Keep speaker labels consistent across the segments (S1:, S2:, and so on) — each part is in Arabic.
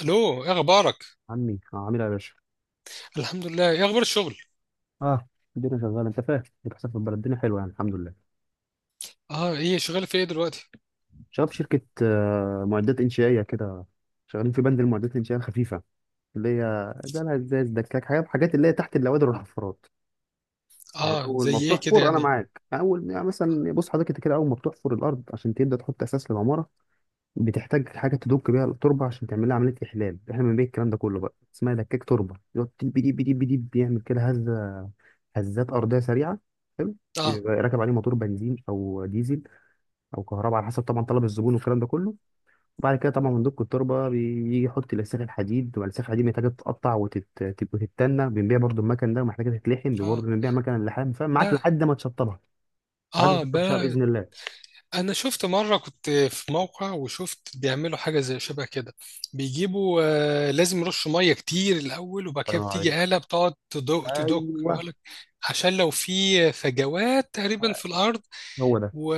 S1: الو، ايه اخبارك؟
S2: عمي عاملها يا باشا.
S1: الحمد لله. ايه اخبار الشغل؟
S2: اه الدنيا شغاله، انت فاهم اللي بيحصل في البلد، الدنيا حلوه يعني الحمد لله.
S1: اه. ايه شغال في ايه دلوقتي؟
S2: شغال في شركه، معدات انشائيه كده. شغالين في بند المعدات الانشائيه الخفيفه، اللي هي جالها ازاز دكاك حاجات اللي هي تحت النوادر والحفارات. يعني
S1: اه،
S2: اول ما
S1: زي ايه كده
S2: بتحفر، انا
S1: يعني؟
S2: معاك، يعني اول يعني مثلا بص حضرتك انت كده، اول ما بتحفر الارض عشان تبدا تحط اساس للعماره، بتحتاج حاجه تدك بيها التربه عشان تعمل لها عمليه احلال. احنا بنبيع الكلام ده كله بقى، اسمها دكاك تربه، يقعد ديب ديب ديب ديب، بيعمل كده هزه، هزات ارضيه سريعه. حلو.
S1: اه.
S2: يبقى راكب عليه موتور بنزين او ديزل او كهرباء، على حسب طبعا طلب الزبون والكلام ده كله. وبعد كده طبعا مندوب التربه بيجي يحط الاسلاخ الحديد، والاسلاخ الحديد محتاجه تتقطع وتتنى، بنبيع برضو المكن ده، ومحتاجه تتلحم برضو،
S1: اه.
S2: بنبيع مكن اللحام، فاهم معاك،
S1: لا.
S2: لحد ما تشطبها. لحد ما
S1: اه
S2: تشطب شعر
S1: بقى.
S2: باذن الله.
S1: انا شفت مره كنت في موقع وشفت بيعملوا حاجه زي شبه كده بيجيبوا. آه، لازم يرشوا ميه كتير الاول، وبعد
S2: الله
S1: كده
S2: ينور عليك.
S1: بتيجي آلة بتقعد تدق تدق
S2: ايوه.
S1: يقول لك عشان لو في فجوات تقريبا في الارض،
S2: هو ده.
S1: و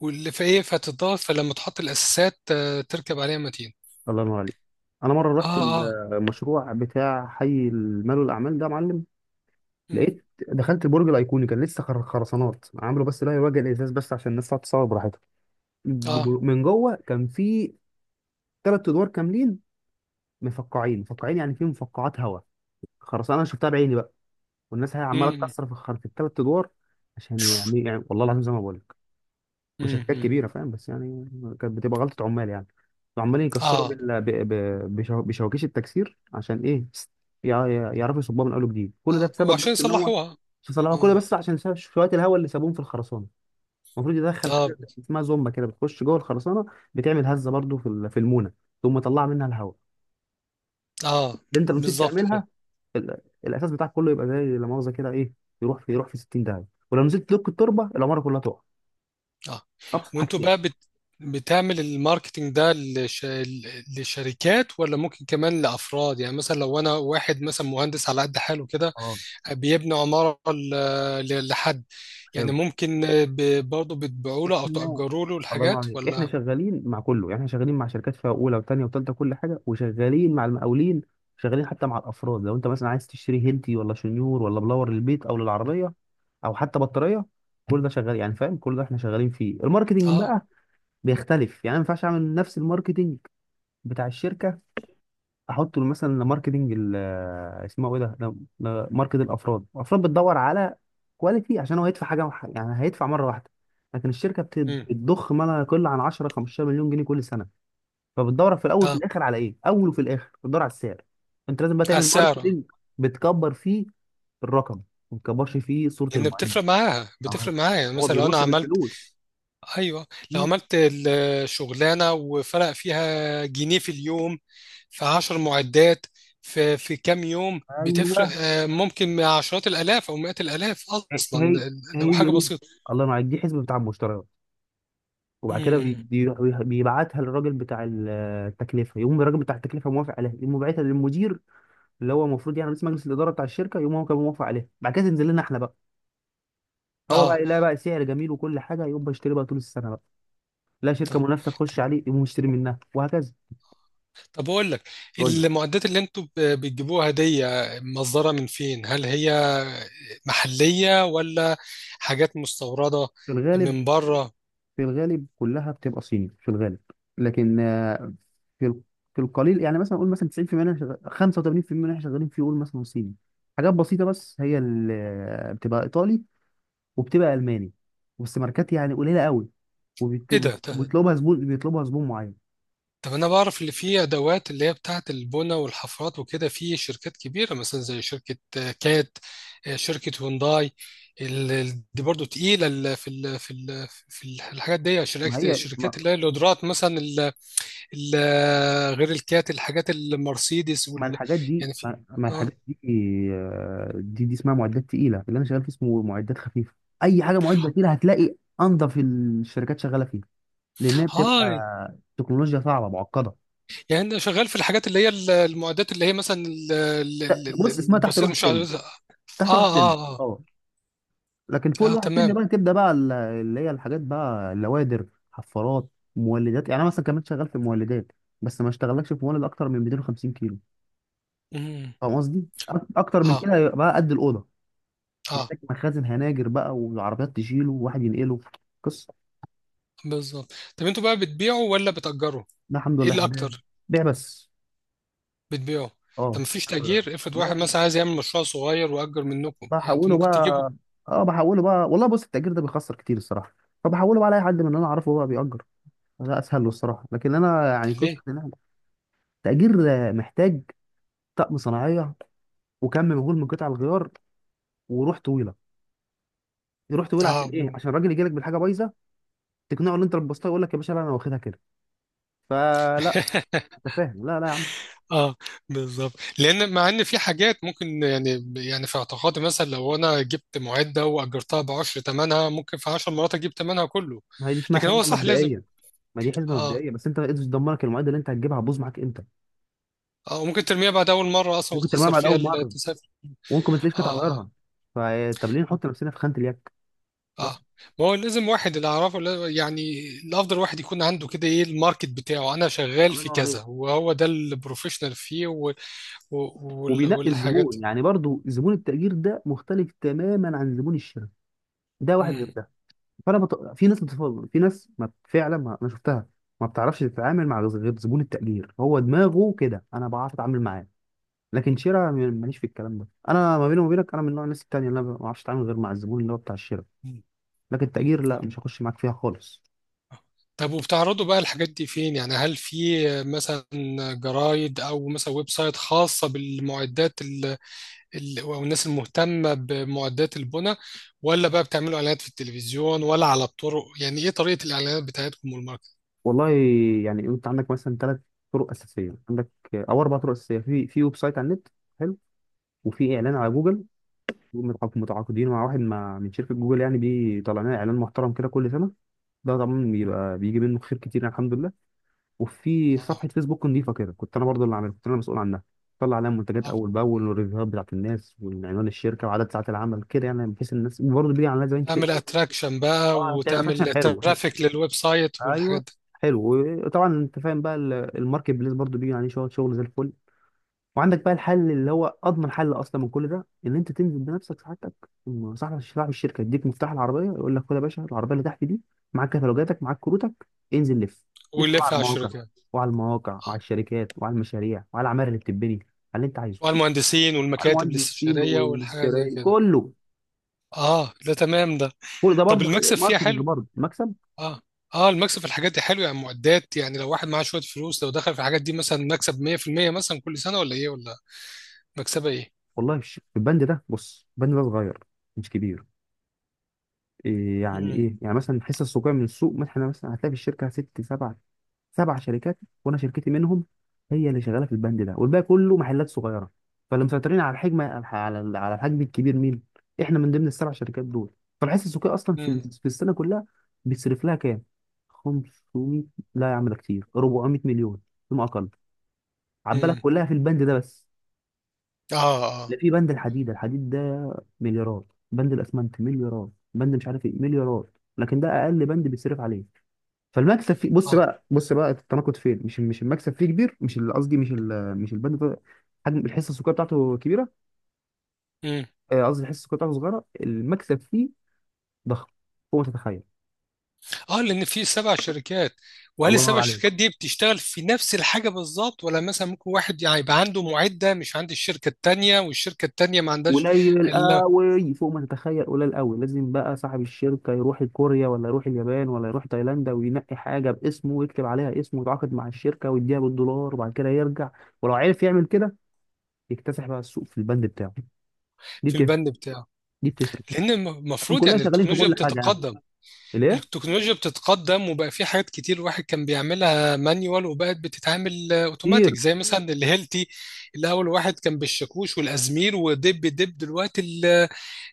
S1: واللي في ايه فتضاف، فلما تحط الاساسات تركب عليها متين.
S2: الله ينور عليك. انا مره رحت
S1: اه. اه.
S2: المشروع بتاع حي المال والاعمال ده يا معلم.
S1: مم،
S2: لقيت دخلت البرج الايقوني، كان لسه خرسانات عملوا، بس لا يواجه الازاز بس عشان الناس تقعد تصور براحتها.
S1: اه.
S2: من جوه كان في ثلاث ادوار كاملين مفقعين مفقعين، يعني في مفقعات هواء، خرسانه انا شفتها بعيني بقى. والناس هي عماله
S1: مم.
S2: تكسر في في الثلاث ادوار عشان يعني، والله العظيم زي ما بقول، مش حاجات
S1: امم.
S2: كبيره فاهم، بس يعني كانت بتبقى غلطه عمال يعني. عمالين يكسروا
S1: اه.
S2: بال... ب... ب... بشو... بشواكيش التكسير، عشان ايه؟ يع... يعرفوا يصبوها من اول وجديد. كل ده
S1: اه، هو
S2: بسبب
S1: عشان
S2: بس ان هو،
S1: يصلحوها.
S2: شو صلاح كل
S1: اه.
S2: ده، بس عشان ساب شويه الهواء اللي سابوهم في الخرسانه. المفروض يدخل
S1: اه.
S2: حاجه اسمها زومبا كده، بتخش جوه الخرسانه، بتعمل هزه برضو في في المونه، ثم تطلع منها الهواء.
S1: اه
S2: اللي انت لو نسيت
S1: بالظبط كده.
S2: تعملها، ال... الاساس بتاعك كله يبقى زي لا مؤاخذه كده ايه، يروح في 60 داهيه. ولو نسيت تلك التربه العماره كلها تقع.
S1: اه،
S2: ابسط
S1: وانتوا
S2: حاجتين.
S1: بقى بتعمل الماركتينج ده لشركات، ولا ممكن كمان لافراد؟ يعني مثلا لو انا واحد مثلا مهندس على قد حاله كده،
S2: اه
S1: بيبني عمارة لحد، يعني
S2: حلو.
S1: ممكن برضه بتبيعوا له او
S2: احنا،
S1: تأجروا له
S2: الله ينور
S1: الحاجات
S2: عليك، احنا
S1: ولا؟
S2: شغالين مع كله يعني، احنا شغالين مع شركات فيها اولى وثانيه وثالثه كل حاجه، وشغالين مع المقاولين، شغالين حتى مع الافراد. لو انت مثلا عايز تشتري هيلتي ولا شنيور ولا بلور للبيت او للعربيه او حتى بطاريه، كل ده شغال يعني فاهم، كل ده احنا شغالين فيه. الماركتنج
S1: اه.
S2: بقى بيختلف، يعني أنا ما ينفعش اعمل نفس الماركتنج بتاع الشركه احط له مثلا ماركتنج ال- اسمه ايه ده لا- لا، ماركت الافراد. الافراد بتدور على كواليتي، عشان هو يدفع حاجه يعني هيدفع مره واحده. لكن الشركه
S1: امم.
S2: بتضخ ما لا يقل عن 10 15 مليون جنيه كل سنه، فبتدور في الاول وفي
S1: اه،
S2: الاخر على ايه، اول وفي الاخر بتدور على السعر. انت لازم بقى
S1: على
S2: تعمل
S1: السعر،
S2: ماركتنج بتكبر فيه الرقم، ما بتكبرش فيه صوره
S1: لان
S2: المعلم.
S1: بتفرق معاها،
S2: آه،
S1: بتفرق معايا. يعني
S2: هو
S1: مثلا لو انا
S2: بيبص
S1: عملت.
S2: بالفلوس.
S1: ايوه، لو
S2: مم.
S1: عملت الشغلانه وفرق فيها جنيه في اليوم في 10 معدات، في كام يوم
S2: ايوه.
S1: بتفرق ممكن مع عشرات الالاف او مئات الالاف.
S2: هي
S1: اصلا
S2: هي
S1: لو
S2: هي
S1: حاجه
S2: دي.
S1: بسيطه.
S2: الله ينور عليك، دي حسبه بتاع المشتريات، وبعد كده
S1: امم.
S2: بيروح بيبعتها للراجل بتاع التكلفه، يقوم الراجل بتاع التكلفه موافق عليها، يقوم باعتها للمدير، اللي هو المفروض يعني رئيس مجلس الاداره بتاع الشركه، يقوم هو كان موافق عليها، بعد كده تنزل لنا احنا بقى. هو
S1: اه.
S2: بقى يلاقي بقى سعر جميل وكل حاجه، يقوم بيشتري بقى طول السنه بقى، لا شركه
S1: طيب.
S2: منافسه تخش عليه يقوم مشتري منها، وهكذا.
S1: طب اقول لك،
S2: قول لي.
S1: المعدات اللي انتوا بتجيبوها دي، مصدرها من فين؟ هل هي محليه ولا حاجات مستورده
S2: في الغالب.
S1: من بره؟
S2: في الغالب كلها بتبقى صيني في الغالب، لكن في ال- في القليل يعني مثلا نقول مثلا 90% منها شغال، 85% منها شغالين في، يقول مثلا صيني. حاجات بسيطة بس هي اللي بتبقى إيطالي وبتبقى الماني، بس ماركات يعني قليله قوي،
S1: ايه ده.
S2: وبيطلبها زبون، بيطلبها زبون معين.
S1: طب انا بعرف اللي فيه ادوات اللي هي بتاعه البنى والحفرات وكده، في شركات كبيره مثلا زي شركه كات، شركه هونداي. دي برضو تقيله. الحاجات دي
S2: ما
S1: شركات،
S2: هي
S1: الشركات
S2: ما,
S1: اللي هي القدرات مثلا غير الكات، الحاجات المرسيدس
S2: ما
S1: وال...
S2: الحاجات دي
S1: يعني في.
S2: ما, ما
S1: اه.
S2: الحاجات دي دي اسمها معدات تقيله. اللي انا شغال فيه اسمه معدات خفيفه. اي حاجه معده تقيله هتلاقي انضف الشركات شغاله فيها، لانها بتبقى
S1: هاي.
S2: تكنولوجيا صعبه معقده.
S1: يعني انا شغال في الحاجات اللي هي المعدات اللي هي مثلا
S2: بص، اسمها تحت
S1: البسيط،
S2: الواحد
S1: مش
S2: تم.
S1: عارف. اه.
S2: تحت الواحد تم
S1: اه، اه.
S2: اه، لكن فوق
S1: آه
S2: الواحد تاني
S1: تمام.
S2: بقى تبدا بقى اللي هي الحاجات بقى اللوادر، حفارات، مولدات. يعني انا مثلا كمان شغال في المولدات، بس ما اشتغلكش في مولد اكتر من 250 كيلو.
S1: مم.
S2: فاهم قصدي؟ اكتر من
S1: اه.
S2: كده يبقى بقى قد الاوضه،
S1: اه
S2: محتاج مخازن، هناجر بقى، والعربيات تشيله وواحد ينقله، قصه.
S1: بالظبط. طب انتوا بقى بتبيعوا ولا بتأجروا؟
S2: ده الحمد
S1: ايه
S2: لله
S1: اللي
S2: احنا بنبيع،
S1: اكتر؟
S2: بيع بس.
S1: بتبيعوا؟
S2: اه.
S1: طب مفيش تأجير؟ افرض
S2: لا
S1: واحد
S2: لا،
S1: مثلا عايز يعمل مشروع صغير، وأجر منكم، يعني انتوا
S2: بحوله
S1: ممكن
S2: بقى.
S1: تجيبوا.
S2: اه بحوله بقى. والله بص، التأجير ده بيخسر كتير الصراحه، فبحوله بقى لاي حد من اللي انا اعرفه بقى بيأجر، ده اسهل له الصراحه. لكن انا يعني قصه
S1: ليه؟
S2: إن أنا تأجير محتاج طقم صناعيه، وكم مهول من قطع الغيار، وروح طويله، روح طويله. عشان
S1: اه.
S2: ايه؟ عشان الراجل يجي لك بالحاجه بايظه، تقنعه ان انت لبستها، يقول لك يا باشا لا انا واخدها كده، فلا. انت فاهم، لا لا يا عم.
S1: اه، بالظبط. لان مع ان في حاجات ممكن، يعني يعني في اعتقادي مثلا لو انا جبت معده واجرتها ب 10، ثمنها ممكن في 10 مرات اجيب ثمنها كله.
S2: ما هي دي اسمها
S1: لكن هو
S2: حزمه
S1: صح، لازم.
S2: مبدئيه. ما دي حزمه
S1: اه.
S2: مبدئيه بس انت ايدز تدمرك، المعده اللي انت هتجيبها هتبوظ معاك امتى؟
S1: اه، وممكن ترميها بعد اول مره اصلا
S2: ممكن ترميها
S1: وتخسر
S2: بعد
S1: فيها
S2: اول مره،
S1: التسافر.
S2: وممكن ما تلاقيش قطع
S1: اه. آه.
S2: غيارها. فطب ليه نحط نفسنا في خانه اليك؟
S1: اه.
S2: بس.
S1: ما هو لازم واحد، اللي اعرفه يعني الافضل واحد يكون عنده كده، ايه الماركت بتاعه، انا شغال
S2: الله
S1: في
S2: ينور عليك.
S1: كذا، وهو ده البروفيشنال فيه، و... و...
S2: وبينقي
S1: والحاجات.
S2: الزبون يعني. برضو زبون التأجير ده مختلف تماما عن زبون الشراء، ده واحد غير
S1: مم.
S2: ده. فانا في ناس بتفضل، في ناس ما فعلا ما... انا شفتها ما بتعرفش تتعامل مع غير زبون التقدير، هو دماغه كده، انا بعرف اتعامل معاه، لكن شراء ماليش في الكلام ده انا. ما بيني وما بينك انا من نوع الناس التانية، اللي انا ما بعرفش اتعامل غير مع الزبون اللي هو بتاع الشراء،
S1: مم.
S2: لكن
S1: مم.
S2: التقدير لا، مش هخش معاك فيها خالص.
S1: طب وبتعرضوا بقى الحاجات دي فين؟ يعني هل في مثلا جرايد، او مثلا ويب سايت خاصة بالمعدات او الناس المهتمة بمعدات البنى، ولا بقى بتعملوا اعلانات في التلفزيون ولا على الطرق؟ يعني ايه طريقة الاعلانات بتاعتكم والماركت؟
S2: والله يعني انت عندك مثلا ثلاث طرق اساسيه، عندك او اربع طرق اساسيه، في في ويب سايت على النت. حلو. وفي اعلان على جوجل، متعاقدين مع واحد مع من شركه جوجل، يعني بيطلع لنا اعلان محترم كده كل سنه، ده طبعا بيبقى بيجي منه خير كتير يعني، الحمد لله. وفي صفحه
S1: اه.
S2: فيسبوك نظيفه كده، كنت انا برضه اللي عاملها، كنت انا مسؤول عنها، طلع عليها منتجات
S1: آه.
S2: اول باول، والريفيوهات بتاعت الناس، وعنوان الشركه، وعدد ساعات العمل كده يعني، بحيث الناس، وبرضه بيجي عليها زباين كتير
S1: تعمل
S2: قوي.
S1: اتراكشن بقى
S2: اه بتعمل اتراكشن
S1: وتعمل
S2: حلو.
S1: ترافيك للويب سايت والحاجات
S2: ايوه.
S1: دي.
S2: حلو. وطبعا انت فاهم بقى الماركت بليس برضه بيجي عليه شغل، شغل زي الفل. وعندك بقى الحل اللي هو اضمن حل اصلا من كل ده، ان انت تنزل بنفسك سعادتك، وم- صاحب صاحب الشركه يديك مفتاح العربيه، يقول لك خد يا باشا العربيه اللي تحت دي، معاك كتالوجاتك، معاك كروتك، انزل لف. لف بقى على
S1: ويلف على
S2: المواقع،
S1: الشركات.
S2: وعلى المواقع وعلى
S1: اه،
S2: الشركات وعلى المشاريع وعلى العماير اللي بتتبني، على اللي انت عايزه.
S1: والمهندسين
S2: وعلى
S1: والمكاتب
S2: المهندسين
S1: الاستشارية والحاجات زي
S2: والشرايين
S1: كده.
S2: كله.
S1: اه، ده تمام ده.
S2: كل ده
S1: طب
S2: برضه
S1: المكسب فيها
S2: ماركتنج،
S1: حلو؟
S2: برضه مكسب.
S1: اه. اه، المكسب في الحاجات دي حلو؟ يعني معدات، يعني لو واحد معاه شوية فلوس لو دخل في الحاجات دي مثلا، مكسب 100% مثلا كل سنة، ولا ايه، ولا؟ مكسبة ايه؟
S2: والله في في البند ده، بص البند ده صغير، مش كبير. إيه يعني؟
S1: امم.
S2: ايه يعني مثلا الحصه السوقيه من السوق، مثلا مثلا هتلاقي في الشركه 6 7 سبع شركات، وانا شركتي منهم، هي اللي شغاله في البند ده والباقي كله محلات صغيره. فاللي مسيطرين على الحجم، على على الحجم الكبير مين؟ احنا من ضمن السبع شركات دول. فالحس السوقي اصلا
S1: امم.
S2: في السنه كلها بيصرف لها كام؟ 500؟ لا يا عم ده كتير، 400 مليون فيما اقل. عبالك
S1: امم.
S2: كلها في البند ده بس؟
S1: اه.
S2: لا،
S1: اه.
S2: في بند الحديد. الحديد ده مليارات، بند الاسمنت مليارات، بند مش عارف ايه مليارات، لكن ده اقل بند بيصرف عليه. فالمكسب فيه، بص بقى، بص بقى التناقض فين، مش المكسب فيه كبير، مش البند ده حجم الحصه السكريه بتاعته كبيره.
S1: اه.
S2: قصدي الحصه السكريه بتاعته صغيره، المكسب فيه ضخم فوق ما تتخيل.
S1: اه، لان في 7 شركات. وهل
S2: الله ينور
S1: السبع
S2: عليك.
S1: شركات دي بتشتغل في نفس الحاجه بالظبط، ولا مثلا ممكن واحد يعني يبقى عنده معده مش عند الشركه التانيه، والشركه التانيه ما عندهاش؟
S2: قليل
S1: الا.
S2: قوي فوق ما تتخيل قليل قوي. لازم بقى صاحب الشركه يروح كوريا، ولا يروح اليابان، ولا يروح تايلاند، وينقي حاجه باسمه، ويكتب عليها اسمه، ويتعاقد مع الشركه ويديها بالدولار، وبعد كده يرجع. ولو عرف يعمل كده يكتسح بقى السوق في البند بتاعه. دي
S1: في
S2: بتفرق.
S1: البند بتاعه.
S2: دي بتفرق.
S1: لان
S2: احنا
S1: المفروض
S2: كلنا
S1: يعني
S2: شغالين في
S1: التكنولوجيا
S2: كل حاجه يعني.
S1: بتتقدم.
S2: ليه؟
S1: التكنولوجيا بتتقدم، وبقى في حاجات كتير الواحد كان بيعملها مانيوال، وبقت بتتعمل اوتوماتيك،
S2: كتير.
S1: زي مثلا الهيلتي. الاول واحد كان بالشاكوش والازمير ودب دب، دلوقتي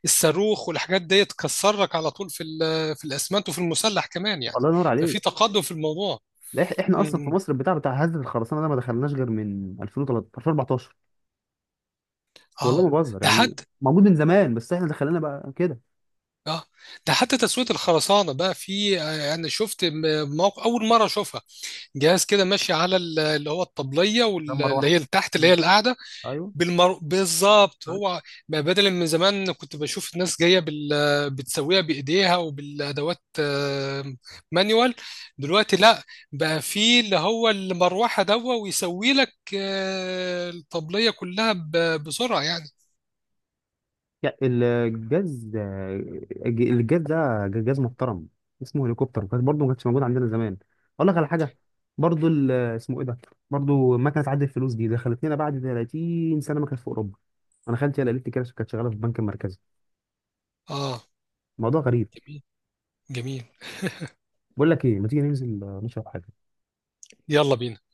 S1: الصاروخ والحاجات دي تكسرك على طول في في الاسمنت وفي المسلح كمان يعني.
S2: الله ينور
S1: ففي
S2: عليك.
S1: تقدم في الموضوع.
S2: لا، إح- احنا اصلا في
S1: امم.
S2: مصر البتاع بتاع هزة الخرسانه ده ما دخلناش غير من 2013 2014. والله ما
S1: اه
S2: بهزر
S1: ده
S2: يعني.
S1: حتى.
S2: موجود من زمان بس احنا دخلنا بقى كده.
S1: اه ده حتى تسوية الخرسانة بقى في. انا شفت موقع اول مرة اشوفها. جهاز كده ماشي على اللي هو الطبلية،
S2: لما
S1: واللي هي
S2: اروح.
S1: اللي تحت اللي هي
S2: مم.
S1: القاعدة.
S2: ايوه.
S1: بالظبط
S2: أيوة.
S1: هو. بقى بدل من زمان كنت بشوف الناس جايه بتسويها بايديها وبالادوات مانيوال. دلوقتي لا، بقى في اللي هو المروحه دوا ويسوي لك الطبليه كلها بسرعه يعني.
S2: يا- الجاز الجاز ده جاز محترم، اسمه هليكوبتر، كان برضه ما كانش موجود عندنا زمان. اقول لك على حاجه، برضه اسمه ايه ده، برضه مكنه عد الفلوس دي دخلت لنا بعد 30 سنه ما كانت في اوروبا. انا خالتي هي اللي قالت لي كده، كانت شغاله في البنك المركزي.
S1: اه.
S2: موضوع غريب.
S1: جميل. جميل.
S2: بقول لك ايه، ما تيجي ننزل نشرب حاجه؟
S1: يلا بينا.